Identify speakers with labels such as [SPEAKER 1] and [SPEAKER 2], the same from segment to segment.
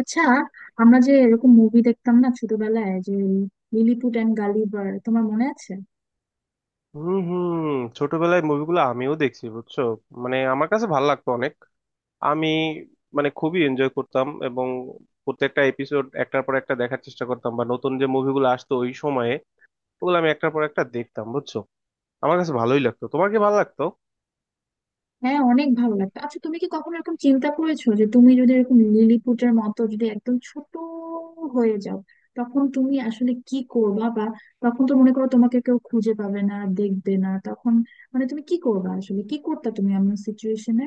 [SPEAKER 1] আচ্ছা, আমরা যে এরকম মুভি দেখতাম না ছোটবেলায়, যে লিলিপুট এন্ড গালিভার, তোমার মনে আছে?
[SPEAKER 2] হুম হুম। ছোটবেলায় মুভিগুলো আমিও দেখছি বুঝছো। মানে আমার কাছে ভালো লাগতো অনেক। আমি মানে খুবই এনজয় করতাম, এবং প্রত্যেকটা এপিসোড একটার পর একটা দেখার চেষ্টা করতাম, বা নতুন যে মুভিগুলো আসতো ওই সময়ে, ওগুলো আমি একটার পর একটা দেখতাম বুঝছো। আমার কাছে ভালোই লাগতো, তোমার কি ভালো লাগতো?
[SPEAKER 1] হ্যাঁ, অনেক ভালো লাগতো। আচ্ছা, তুমি কি কখনো এরকম চিন্তা করেছো যে তুমি যদি এরকম লিলিপুটের মতো যদি একদম ছোট হয়ে যাও, তখন তুমি আসলে কি করবা? বা তখন তো মনে করো তোমাকে কেউ খুঁজে পাবে না, দেখবে না, তখন মানে তুমি কি করবা আসলে? কি করতে তুমি এমন সিচুয়েশনে?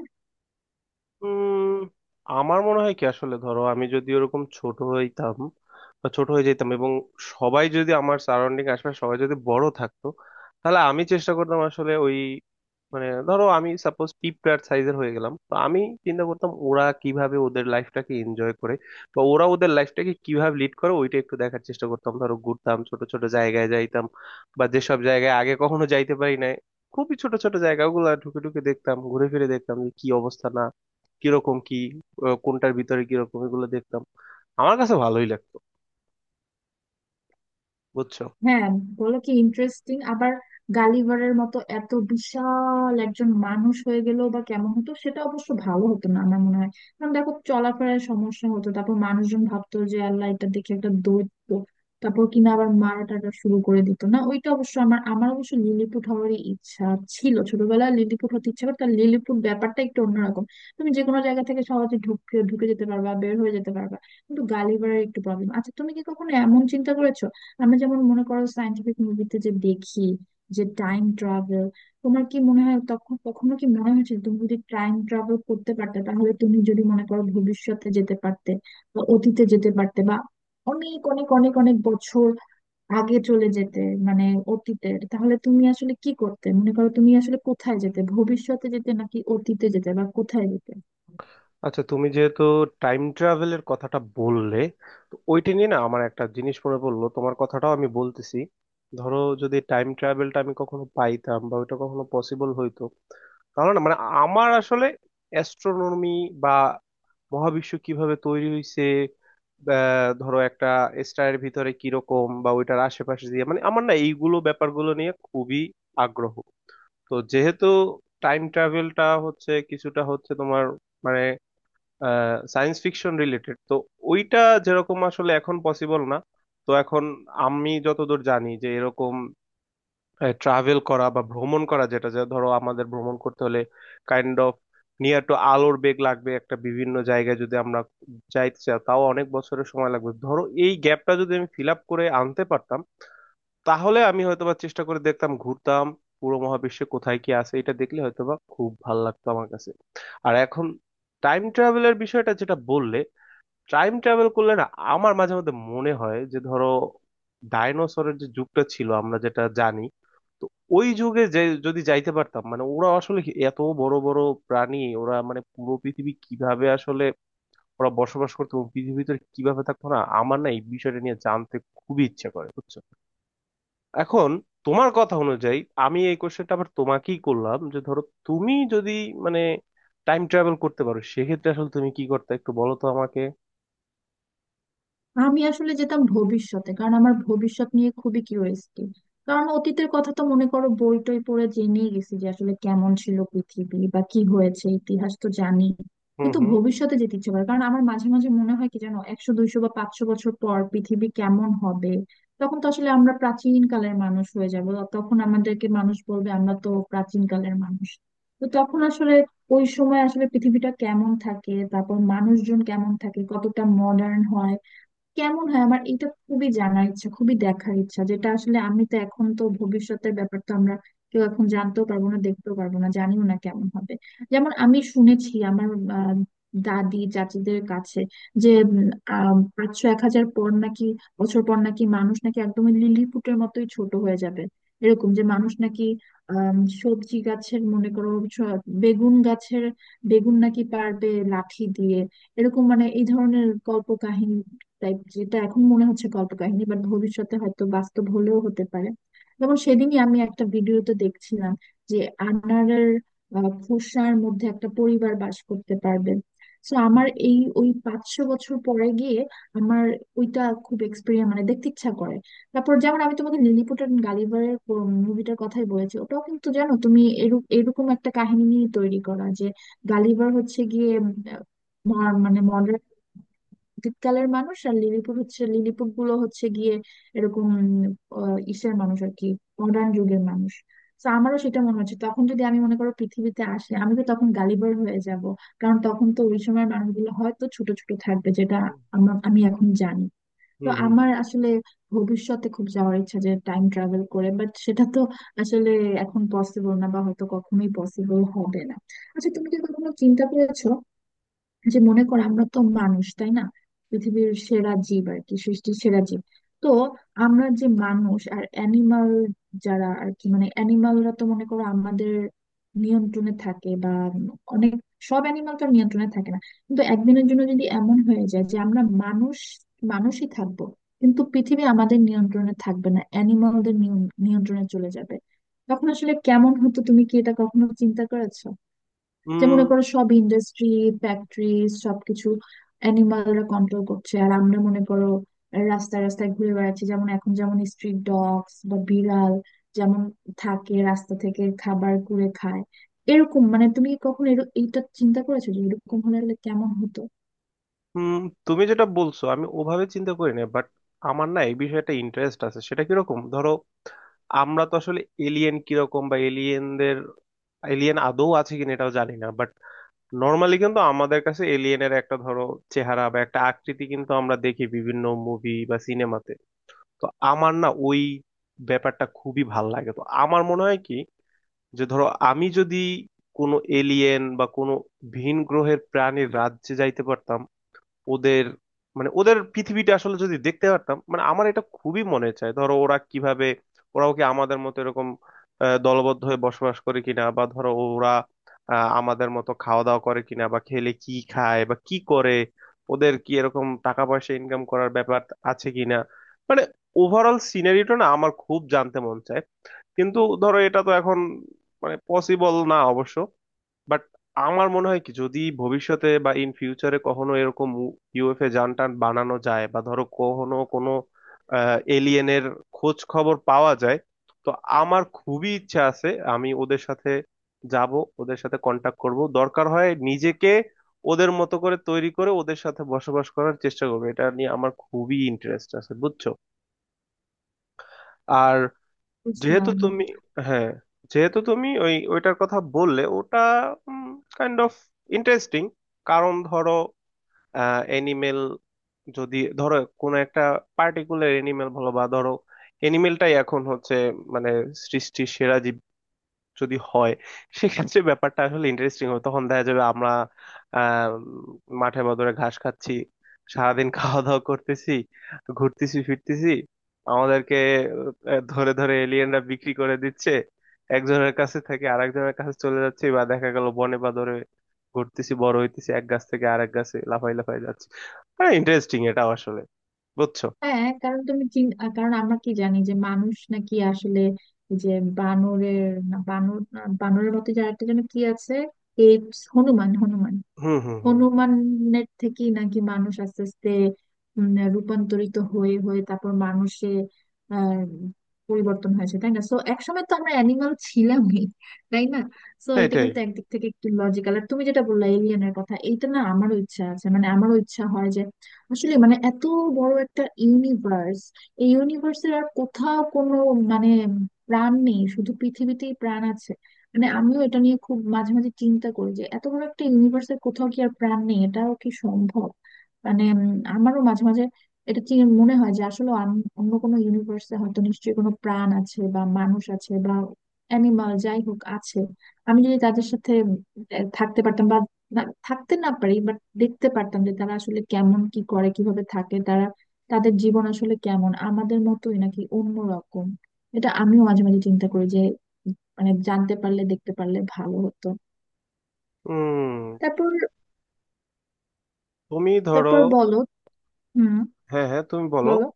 [SPEAKER 2] উম আমার মনে হয় কি, আসলে ধরো আমি যদি ওরকম ছোট হইতাম বা ছোট হয়ে যেতাম, এবং সবাই যদি আমার সারাউন্ডিং আশপাশ সবাই যদি বড় থাকতো, তাহলে আমি চেষ্টা করতাম আসলে ওই মানে ধরো আমি সাপোজ পিঁপড়ার সাইজের হয়ে গেলাম, তো আমি চিন্তা করতাম ওরা কিভাবে ওদের লাইফটাকে এনজয় করে বা ওরা ওদের লাইফটাকে কিভাবে লিড করে, ওইটা একটু দেখার চেষ্টা করতাম। ধরো ঘুরতাম, ছোট ছোট জায়গায় যাইতাম বা যেসব জায়গায় আগে কখনো যাইতে পারি নাই, খুবই ছোট ছোট জায়গাগুলো ঢুকে ঢুকে দেখতাম, ঘুরে ফিরে দেখতাম যে কি অবস্থা, না কিরকম কি, কোনটার ভিতরে কিরকম, এগুলো দেখতাম। আমার কাছে ভালোই লাগতো বুঝছো।
[SPEAKER 1] হ্যাঁ, বলো। কি ইন্টারেস্টিং আবার গালিভারের মতো এত বিশাল একজন মানুষ হয়ে গেল বা কেমন হতো? সেটা অবশ্য ভালো হতো না আমার মনে হয়, কারণ দেখো চলাফেরায় সমস্যা হতো, তারপর মানুষজন ভাবতো যে আল্লাহ, এটা দেখে একটা দৈত্য, তারপর কিনা আবার মারা টারা শুরু করে দিত না। ওইটা অবশ্য আমার আমার অবশ্য লিলিপুট হওয়ারই ইচ্ছা ছিল ছোটবেলায়, লিলিপুট হতে ইচ্ছা করতো। আর লিলিপুট ব্যাপারটা একটু অন্যরকম, তুমি যে কোনো জায়গা থেকে সহজে ঢুকে ঢুকে যেতে পারবা, বের হয়ে যেতে পারবা, কিন্তু গালিভারের একটু প্রবলেম। আচ্ছা, তুমি কি কখনো এমন চিন্তা করেছো, আমরা যেমন মনে করো সায়েন্টিফিক মুভিতে যে দেখি যে টাইম ট্রাভেল, তোমার কি মনে হয়, তখন কখনো কি মনে হয়েছে তুমি যদি টাইম ট্রাভেল করতে পারতে, তাহলে তুমি যদি মনে করো ভবিষ্যতে যেতে পারতে বা অতীতে যেতে পারতে, বা অনেক অনেক অনেক অনেক বছর আগে চলে যেতে মানে অতীতে, তাহলে তুমি আসলে কি করতে? মনে করো, তুমি আসলে কোথায় যেতে? ভবিষ্যতে যেতে নাকি অতীতে যেতে, বা কোথায় যেতে?
[SPEAKER 2] আচ্ছা, তুমি যেহেতু টাইম ট্রাভেলের কথাটা বললে, তো ওইটা নিয়ে না আমার একটা জিনিস মনে পড়লো, তোমার কথাটাও আমি বলতেছি। ধরো যদি টাইম ট্রাভেলটা আমি কখনো পাইতাম বা ওইটা কখনো পসিবল হইতো, তাহলে না মানে আমার আসলে অ্যাস্ট্রোনমি বা মহাবিশ্ব কিভাবে তৈরি হয়েছে, ধরো একটা স্টারের ভিতরে কিরকম বা ওইটার আশেপাশে দিয়ে, মানে আমার না এইগুলো ব্যাপারগুলো নিয়ে খুবই আগ্রহ। তো যেহেতু টাইম ট্রাভেলটা হচ্ছে কিছুটা হচ্ছে তোমার মানে সায়েন্স ফিকশন রিলেটেড, তো ওইটা যেরকম আসলে এখন পসিবল না। তো এখন আমি যতদূর জানি যে এরকম ট্রাভেল করা বা ভ্রমণ করা, যেটা যা ধরো আমাদের ভ্রমণ করতে হলে কাইন্ড অফ নিয়ার টু আলোর বেগ লাগবে একটা, বিভিন্ন জায়গায় যদি আমরা যাইতে চাই তাও অনেক বছরের সময় লাগবে। ধরো এই গ্যাপটা যদি আমি ফিল আপ করে আনতে পারতাম, তাহলে আমি হয়তোবা চেষ্টা করে দেখতাম, ঘুরতাম পুরো মহাবিশ্বে কোথায় কি আছে, এটা দেখলে হয়তোবা খুব ভালো লাগতো আমার কাছে। আর এখন টাইম ট্রাভেলের বিষয়টা যেটা বললে, টাইম ট্রাভেল করলে না আমার মাঝে মধ্যে মনে হয় যে ধরো ডাইনোসরের যে যুগটা ছিল আমরা যেটা জানি, তো ওই যুগে যে যদি যাইতে পারতাম, মানে ওরা আসলে এত বড় বড় প্রাণী ওরা মানে পুরো পৃথিবী কিভাবে আসলে ওরা বসবাস করতো এবং পৃথিবীর ভিতরে কিভাবে থাকতো না, আমার না এই বিষয়টা নিয়ে জানতে খুবই ইচ্ছে করে বুঝছো। এখন তোমার কথা অনুযায়ী আমি এই কোশ্চেনটা আবার তোমাকেই করলাম, যে ধরো তুমি যদি মানে টাইম ট্রাভেল করতে পারো, সেক্ষেত্রে আসলে তুমি কি করতে একটু বলো তো আমাকে।
[SPEAKER 1] আমি আসলে যেতাম ভবিষ্যতে, কারণ আমার ভবিষ্যৎ নিয়ে খুবই কিউরিয়াসিটি। কারণ অতীতের কথা তো মনে করো বই টই পড়ে জেনেই গেছি যে আসলে কেমন ছিল পৃথিবী বা কি হয়েছে, ইতিহাস তো জানি।
[SPEAKER 2] হুম
[SPEAKER 1] কিন্তু
[SPEAKER 2] হুম
[SPEAKER 1] ভবিষ্যতে যেতে ইচ্ছে করে, কারণ আমার মাঝে মাঝে মনে হয় কি জানো, 100 200 বা 500 বছর পর পৃথিবী কেমন হবে। তখন তো আসলে আমরা প্রাচীন কালের মানুষ হয়ে যাব, তখন আমাদেরকে মানুষ বলবে আমরা তো প্রাচীন কালের মানুষ। তো তখন আসলে ওই সময় আসলে পৃথিবীটা কেমন থাকে, তারপর মানুষজন কেমন থাকে, কতটা মডার্ন হয়, কেমন হয়, আমার এটা খুবই জানার ইচ্ছা, খুবই দেখার ইচ্ছা। যেটা আসলে আমি তো এখন তো ভবিষ্যতের ব্যাপার তো আমরা কেউ এখন জানতেও পারবো না, দেখতেও পারবো না, জানিও না কেমন হবে। যেমন আমি শুনেছি আমার আহ, দাদি চাচিদের কাছে যে 500 1000 পর নাকি বছর পর নাকি মানুষ নাকি একদমই লিলিপুটের মতোই ছোট হয়ে যাবে, এরকম যে মানুষ নাকি আম, সবজি গাছের মনে করো বেগুন গাছের বেগুন নাকি পারবে লাঠি দিয়ে, এরকম মানে এই ধরনের গল্প। তাই, যেটা এখন মনে হচ্ছে কল্প কাহিনী, বাট ভবিষ্যতে হয়তো বাস্তব হলেও হতে পারে। যেমন সেদিনই আমি একটা ভিডিওতে দেখছিলাম যে আনারের খোসার মধ্যে একটা পরিবার বাস করতে পারবে। তো আমার এই ওই 500 বছর পরে গিয়ে আমার ওইটা খুব এক্সপিরিয়েন্স মানে দেখতে ইচ্ছা করে। তারপর যেমন আমি তোমাকে লিলিপুট এন্ড গালিভারের মুভিটার কথাই বলেছি, ওটাও কিন্তু জানো তুমি এরকম এরকম একটা কাহিনী নিয়ে তৈরি করা, যে গালিভার হচ্ছে গিয়ে আহ, মানে মডার্ন দ্বীপকালের মানুষ, আর লিলিপুট হচ্ছে, লিলিপুট গুলো হচ্ছে গিয়ে এরকম ইসের মানুষ আর কি, মডার্ন যুগের মানুষ। তো আমারও সেটা মনে হচ্ছে, তখন যদি আমি মনে করো পৃথিবীতে আসে আমি তো তখন গালিবার হয়ে যাব, কারণ তখন তো ওই সময় মানুষগুলো হয়তো ছোট ছোট থাকবে, যেটা আমি এখন জানি। তো
[SPEAKER 2] হুম
[SPEAKER 1] আমার আসলে ভবিষ্যতে খুব যাওয়ার ইচ্ছা, যে টাইম ট্রাভেল করে, বাট সেটা তো আসলে এখন পসিবল না, বা হয়তো কখনোই পসিবল হবে না। আচ্ছা, তুমি কি কখনো চিন্তা করেছো যে মনে কর আমরা তো মানুষ, তাই না? পৃথিবীর সেরা জীব আর কি, সৃষ্টির সেরা জীব। তো আমরা যে মানুষ আর অ্যানিমাল যারা আর কি, মানে অ্যানিমালরা তো মনে করো আমাদের নিয়ন্ত্রণে থাকে বা অনেক, সব অ্যানিমাল তো আর নিয়ন্ত্রণে থাকে না। কিন্তু একদিনের জন্য যদি এমন হয়ে যায় যে আমরা মানুষ, মানুষই থাকবো, কিন্তু পৃথিবী আমাদের নিয়ন্ত্রণে থাকবে না, অ্যানিমালদের নিয়ন্ত্রণে চলে যাবে, তখন আসলে কেমন হতো? তুমি কি এটা কখনো চিন্তা করেছো যে
[SPEAKER 2] হুম
[SPEAKER 1] মনে করো সব ইন্ডাস্ট্রি, ফ্যাক্টরি, সবকিছু অ্যানিমালরা কন্ট্রোল করছে, আর আমরা মনে করো রাস্তায় রাস্তায় ঘুরে বেড়াচ্ছি, যেমন এখন যেমন স্ট্রিট ডগস বা বিড়াল যেমন থাকে, রাস্তা থেকে খাবার কুড়ে খায়, এরকম। মানে তুমি কি কখনো এইটা চিন্তা করেছো, যে এরকম হলে হলে কেমন হতো?
[SPEAKER 2] হুম। তুমি যেটা বলছো আমি ওভাবে চিন্তা করি না, বাট আমার না এই বিষয়ে একটা ইন্টারেস্ট আছে। সেটা কিরকম, ধরো আমরা তো আসলে এলিয়েন কিরকম বা এলিয়েনদের, এলিয়েন আদৌ আছে কিনা এটাও জানি না, বাট নর্মালি কিন্তু আমাদের কাছে এলিয়েনের একটা ধরো চেহারা বা একটা আকৃতি কিন্তু আমরা দেখি বিভিন্ন মুভি বা সিনেমাতে। তো আমার না ওই ব্যাপারটা খুবই ভাল লাগে। তো আমার মনে হয় কি যে ধরো আমি যদি কোনো এলিয়েন বা কোনো ভিন গ্রহের প্রাণীর রাজ্যে যাইতে পারতাম, ওদের মানে ওদের পৃথিবীটা আসলে যদি দেখতে পারতাম, মানে আমার এটা খুবই মনে চায়। ধরো ওরা কিভাবে, ওরাও কি আমাদের মতো এরকম দলবদ্ধ হয়ে বসবাস করে কিনা, বা ধরো ওরা আমাদের মতো খাওয়া দাওয়া করে কিনা, বা খেলে কি খায় বা কি করে, ওদের কি এরকম টাকা পয়সা ইনকাম করার ব্যাপার আছে কিনা, মানে ওভারঅল সিনারিটা না আমার খুব জানতে মন চায়। কিন্তু ধরো এটা তো এখন মানে পসিবল না অবশ্য, বাট আমার মনে হয় কি যদি ভবিষ্যতে বা ইন ফিউচারে কখনো এরকম ইউএফএ যান টান বানানো যায়, বা ধরো কখনো কোনো এলিয়েনের খোঁজ খবর পাওয়া যায়, তো আমার খুবই ইচ্ছা আছে আমি ওদের সাথে যাব, ওদের সাথে কন্টাক্ট করব, দরকার হয় নিজেকে ওদের মতো করে তৈরি করে ওদের সাথে বসবাস করার চেষ্টা করবো। এটা নিয়ে আমার খুবই ইন্টারেস্ট আছে বুঝছো। আর যেহেতু
[SPEAKER 1] বুঝলাম।
[SPEAKER 2] তুমি, হ্যাঁ, যেহেতু তুমি ওই ওইটার কথা বললে, ওটা কাইন্ড অফ ইন্টারেস্টিং। কারণ ধরো অ্যানিমেল যদি ধরো কোনো একটা পার্টিকুলার এনিমেল বলো, বা ধরো এনিমেলটাই এখন হচ্ছে মানে সৃষ্টির সেরা যদি হয়, সেক্ষেত্রে ব্যাপারটা আসলে ইন্টারেস্টিং হবে। তখন দেখা যাবে আমরা আহ মাঠের বদলে ঘাস খাচ্ছি, সারাদিন খাওয়া দাওয়া করতেছি, ঘুরতেছি ফিরতেছি, আমাদেরকে ধরে ধরে এলিয়েনরা বিক্রি করে দিচ্ছে, একজনের কাছে থেকে আরেকজনের কাছে চলে যাচ্ছে, বা দেখা গেল বনে বা ধরে ঘুরতেছি বড় হইতেছি, এক গাছ থেকে আরেক গাছে লাফাই লাফাই যাচ্ছে। হ্যাঁ, ইন্টারেস্টিং এটা আসলে বুঝছো।
[SPEAKER 1] হ্যাঁ, কারণ তুমি কারণ আমরা কি জানি যে মানুষ নাকি আসলে এই যে বানরের না, বানর না, বানরের মতো যার একটা যেন কি আছে, এই হনুমান, হনুমান,
[SPEAKER 2] হুম হুম হুম।
[SPEAKER 1] হনুমানের থেকেই নাকি মানুষ আস্তে আস্তে রূপান্তরিত হয়ে হয়ে তারপর মানুষে আহ, পরিবর্তন হয়েছে, তাই না? সো একসময় তো আমরা অ্যানিমাল ছিলামই, তাই না? সো এটা
[SPEAKER 2] এটাই।
[SPEAKER 1] কিন্তু একদিক থেকে একটু লজিক্যাল। আর তুমি যেটা বললা এলিয়েনের কথা, এইটা না আমারও ইচ্ছা আছে, মানে আমারও ইচ্ছা হয় যে আসলে মানে এত বড় একটা ইউনিভার্স, এই ইউনিভার্সের আর কোথাও কোনো মানে প্রাণ নেই, শুধু পৃথিবীতেই প্রাণ আছে? মানে আমিও এটা নিয়ে খুব মাঝে মাঝে চিন্তা করি যে এত বড় একটা ইউনিভার্সের কোথাও কি আর প্রাণ নেই, এটাও কি সম্ভব? মানে আমারও মাঝে মাঝে এটা মনে হয় যে আসলে অন্য কোনো ইউনিভার্সে হয়তো নিশ্চয়ই কোনো প্রাণ আছে, বা মানুষ আছে বা অ্যানিমাল যাই হোক আছে। আমি যদি তাদের সাথে থাকতে পারতাম বা থাকতে না পারি বাট দেখতে পারতাম যে তারা আসলে কেমন, কি করে, কিভাবে থাকে তারা, তাদের জীবন আসলে কেমন, আমাদের মতোই নাকি অন্যরকম। এটা আমিও মাঝে মাঝে চিন্তা করি যে মানে জানতে পারলে, দেখতে পারলে ভালো হতো।
[SPEAKER 2] হুম।
[SPEAKER 1] তারপর,
[SPEAKER 2] তুমি ধরো,
[SPEAKER 1] বলো। হুম,
[SPEAKER 2] হ্যাঁ হ্যাঁ, তুমি বলো।
[SPEAKER 1] বলো।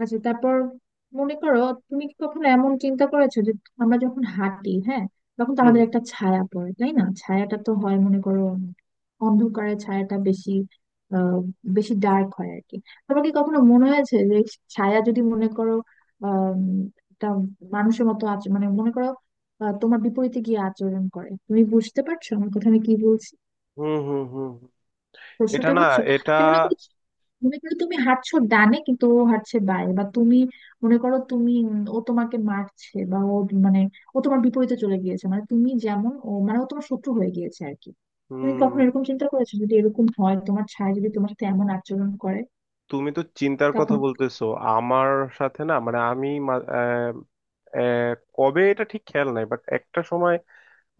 [SPEAKER 1] আচ্ছা, তারপর মনে করো, তুমি কি কখনো এমন চিন্তা করেছো যে আমরা যখন হাঁটি, হ্যাঁ, তখন তো আমাদের একটা ছায়া পড়ে, তাই না? ছায়াটা তো হয়, মনে করো অন্ধকারে ছায়াটা বেশি আহ বেশি ডার্ক হয় আর কি। তোমার কি কখনো মনে হয়েছে যে ছায়া যদি মনে করো আহ একটা মানুষের মতো আচরণ, মানে মনে করো তোমার বিপরীতে গিয়ে আচরণ করে? তুমি বুঝতে পারছো আমার কথা আমি কি বলছি?
[SPEAKER 2] হুম হুম হুম হুম। এটা
[SPEAKER 1] প্রশ্নটা
[SPEAKER 2] না,
[SPEAKER 1] বুঝছো?
[SPEAKER 2] এটা
[SPEAKER 1] যে মনে করো, তুমি হাঁটছো ডানে কিন্তু ও হাঁটছে বাঁয়ে, বা তুমি মনে করো, তুমি ও তোমাকে মারছে বা ও মানে ও তোমার বিপরীতে চলে গিয়েছে, মানে তুমি যেমন ও মানে ও তোমার শত্রু হয়ে গিয়েছে আর কি। তুমি
[SPEAKER 2] হুম।
[SPEAKER 1] কখনো এরকম চিন্তা করেছো, যদি এরকম হয় তোমার ছায়া যদি তোমার সাথে এমন আচরণ করে
[SPEAKER 2] তুমি তো চিন্তার কথা
[SPEAKER 1] তখন?
[SPEAKER 2] বলতেছো আমার সাথে না, মানে আমি আহ, কবে এটা ঠিক খেয়াল নাই, বাট একটা সময়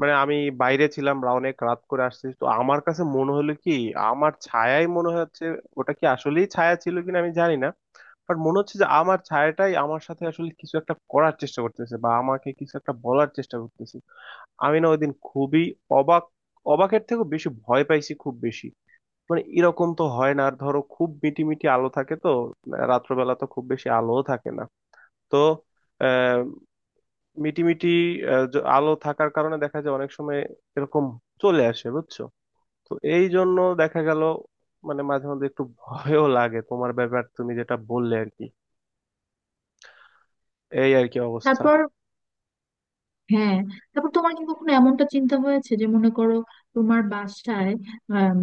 [SPEAKER 2] মানে আমি বাইরে ছিলাম বা অনেক রাত করে আসছি, তো আমার কাছে মনে হলো কি আমার ছায়াই মনে হচ্ছে। ওটা কি আসলেই ছায়া ছিল কিনা আমি জানি না, বাট মনে হচ্ছে যে আমার ছায়াটাই আমার সাথে আসলে কিছু একটা করার চেষ্টা করতেছে, বা আমাকে কিছু একটা বলার চেষ্টা করতেছে। আমি না ওইদিন খুবই অবাক, অবাকের থেকেও বেশি ভয় পাইছি, খুব বেশি। মানে এরকম তো হয় না। আর ধরো খুব মিটি মিটি আলো থাকে, তো রাত্রবেলা তো খুব বেশি আলোও থাকে না। তো মিটিমিটি আলো থাকার কারণে দেখা যায় অনেক সময় এরকম চলে আসে বুঝছো। তো এই জন্য দেখা গেল মানে মাঝে মধ্যে একটু ভয়ও লাগে, তোমার ব্যাপার তুমি যেটা বললে আর কি। এই আর কি অবস্থা।
[SPEAKER 1] তারপর। হ্যাঁ, তারপর তোমার কি কখনো এমনটা চিন্তা হয়েছে যে মনে করো তোমার বাসায় আম,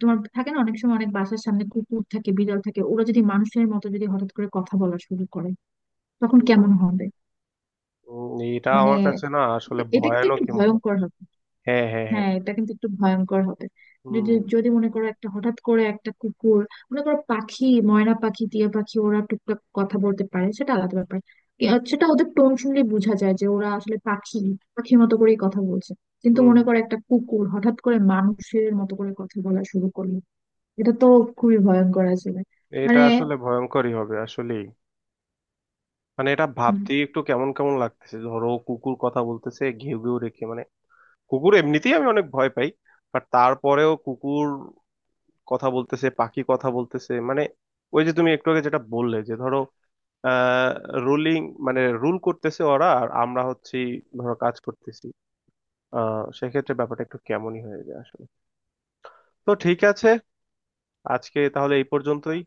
[SPEAKER 1] তোমার থাকে না অনেক সময় অনেক বাসার সামনে কুকুর থাকে, বিড়াল থাকে, ওরা যদি মানুষের মতো যদি হঠাৎ করে কথা বলা শুরু করে, তখন
[SPEAKER 2] হুম,
[SPEAKER 1] কেমন হবে?
[SPEAKER 2] হুম, এটা
[SPEAKER 1] মানে
[SPEAKER 2] আমার কাছে না আসলে
[SPEAKER 1] এটা কিন্তু একটু
[SPEAKER 2] ভয়ানকই মনে হয়।
[SPEAKER 1] ভয়ঙ্কর হবে।
[SPEAKER 2] হ্যাঁ হ্যাঁ হ্যাঁ।
[SPEAKER 1] হ্যাঁ, এটা কিন্তু একটু ভয়ঙ্কর হবে।
[SPEAKER 2] হুম
[SPEAKER 1] যদি, যদি মনে করো একটা হঠাৎ করে একটা কুকুর, মনে করো পাখি, ময়না পাখি, টিয়া পাখি, ওরা টুকটাক কথা বলতে পারে, সেটা আলাদা ব্যাপার। এ, আর সেটা ওদের টোন শুনলে বোঝা যায় যে ওরা আসলে পাখি, পাখির মতো করেই কথা বলছে। কিন্তু
[SPEAKER 2] হুম।
[SPEAKER 1] মনে করো একটা কুকুর হঠাৎ করে মানুষের মতো করে কথা বলা শুরু করলো, এটা তো খুবই ভয়ঙ্কর আসলে।
[SPEAKER 2] এটা
[SPEAKER 1] মানে
[SPEAKER 2] আসলে ভয়ঙ্করই হবে আসলেই। মানে এটা ভাবতেই একটু কেমন কেমন লাগতেছে। ধরো কুকুর কথা বলতেছে ঘেউ ঘেউ রেখে, মানে কুকুর এমনিতেই আমি অনেক ভয় পাই, বাট তারপরেও কুকুর কথা বলতেছে, পাখি কথা বলতেছে, মানে ওই যে তুমি একটু আগে যেটা বললে যে ধরো আহ রুলিং মানে রুল করতেছে ওরা, আর আমরা হচ্ছি ধরো কাজ করতেছি। সেক্ষেত্রে ব্যাপারটা একটু কেমনই হয়ে যায় আসলে। তো ঠিক আছে, আজকে তাহলে এই পর্যন্তই।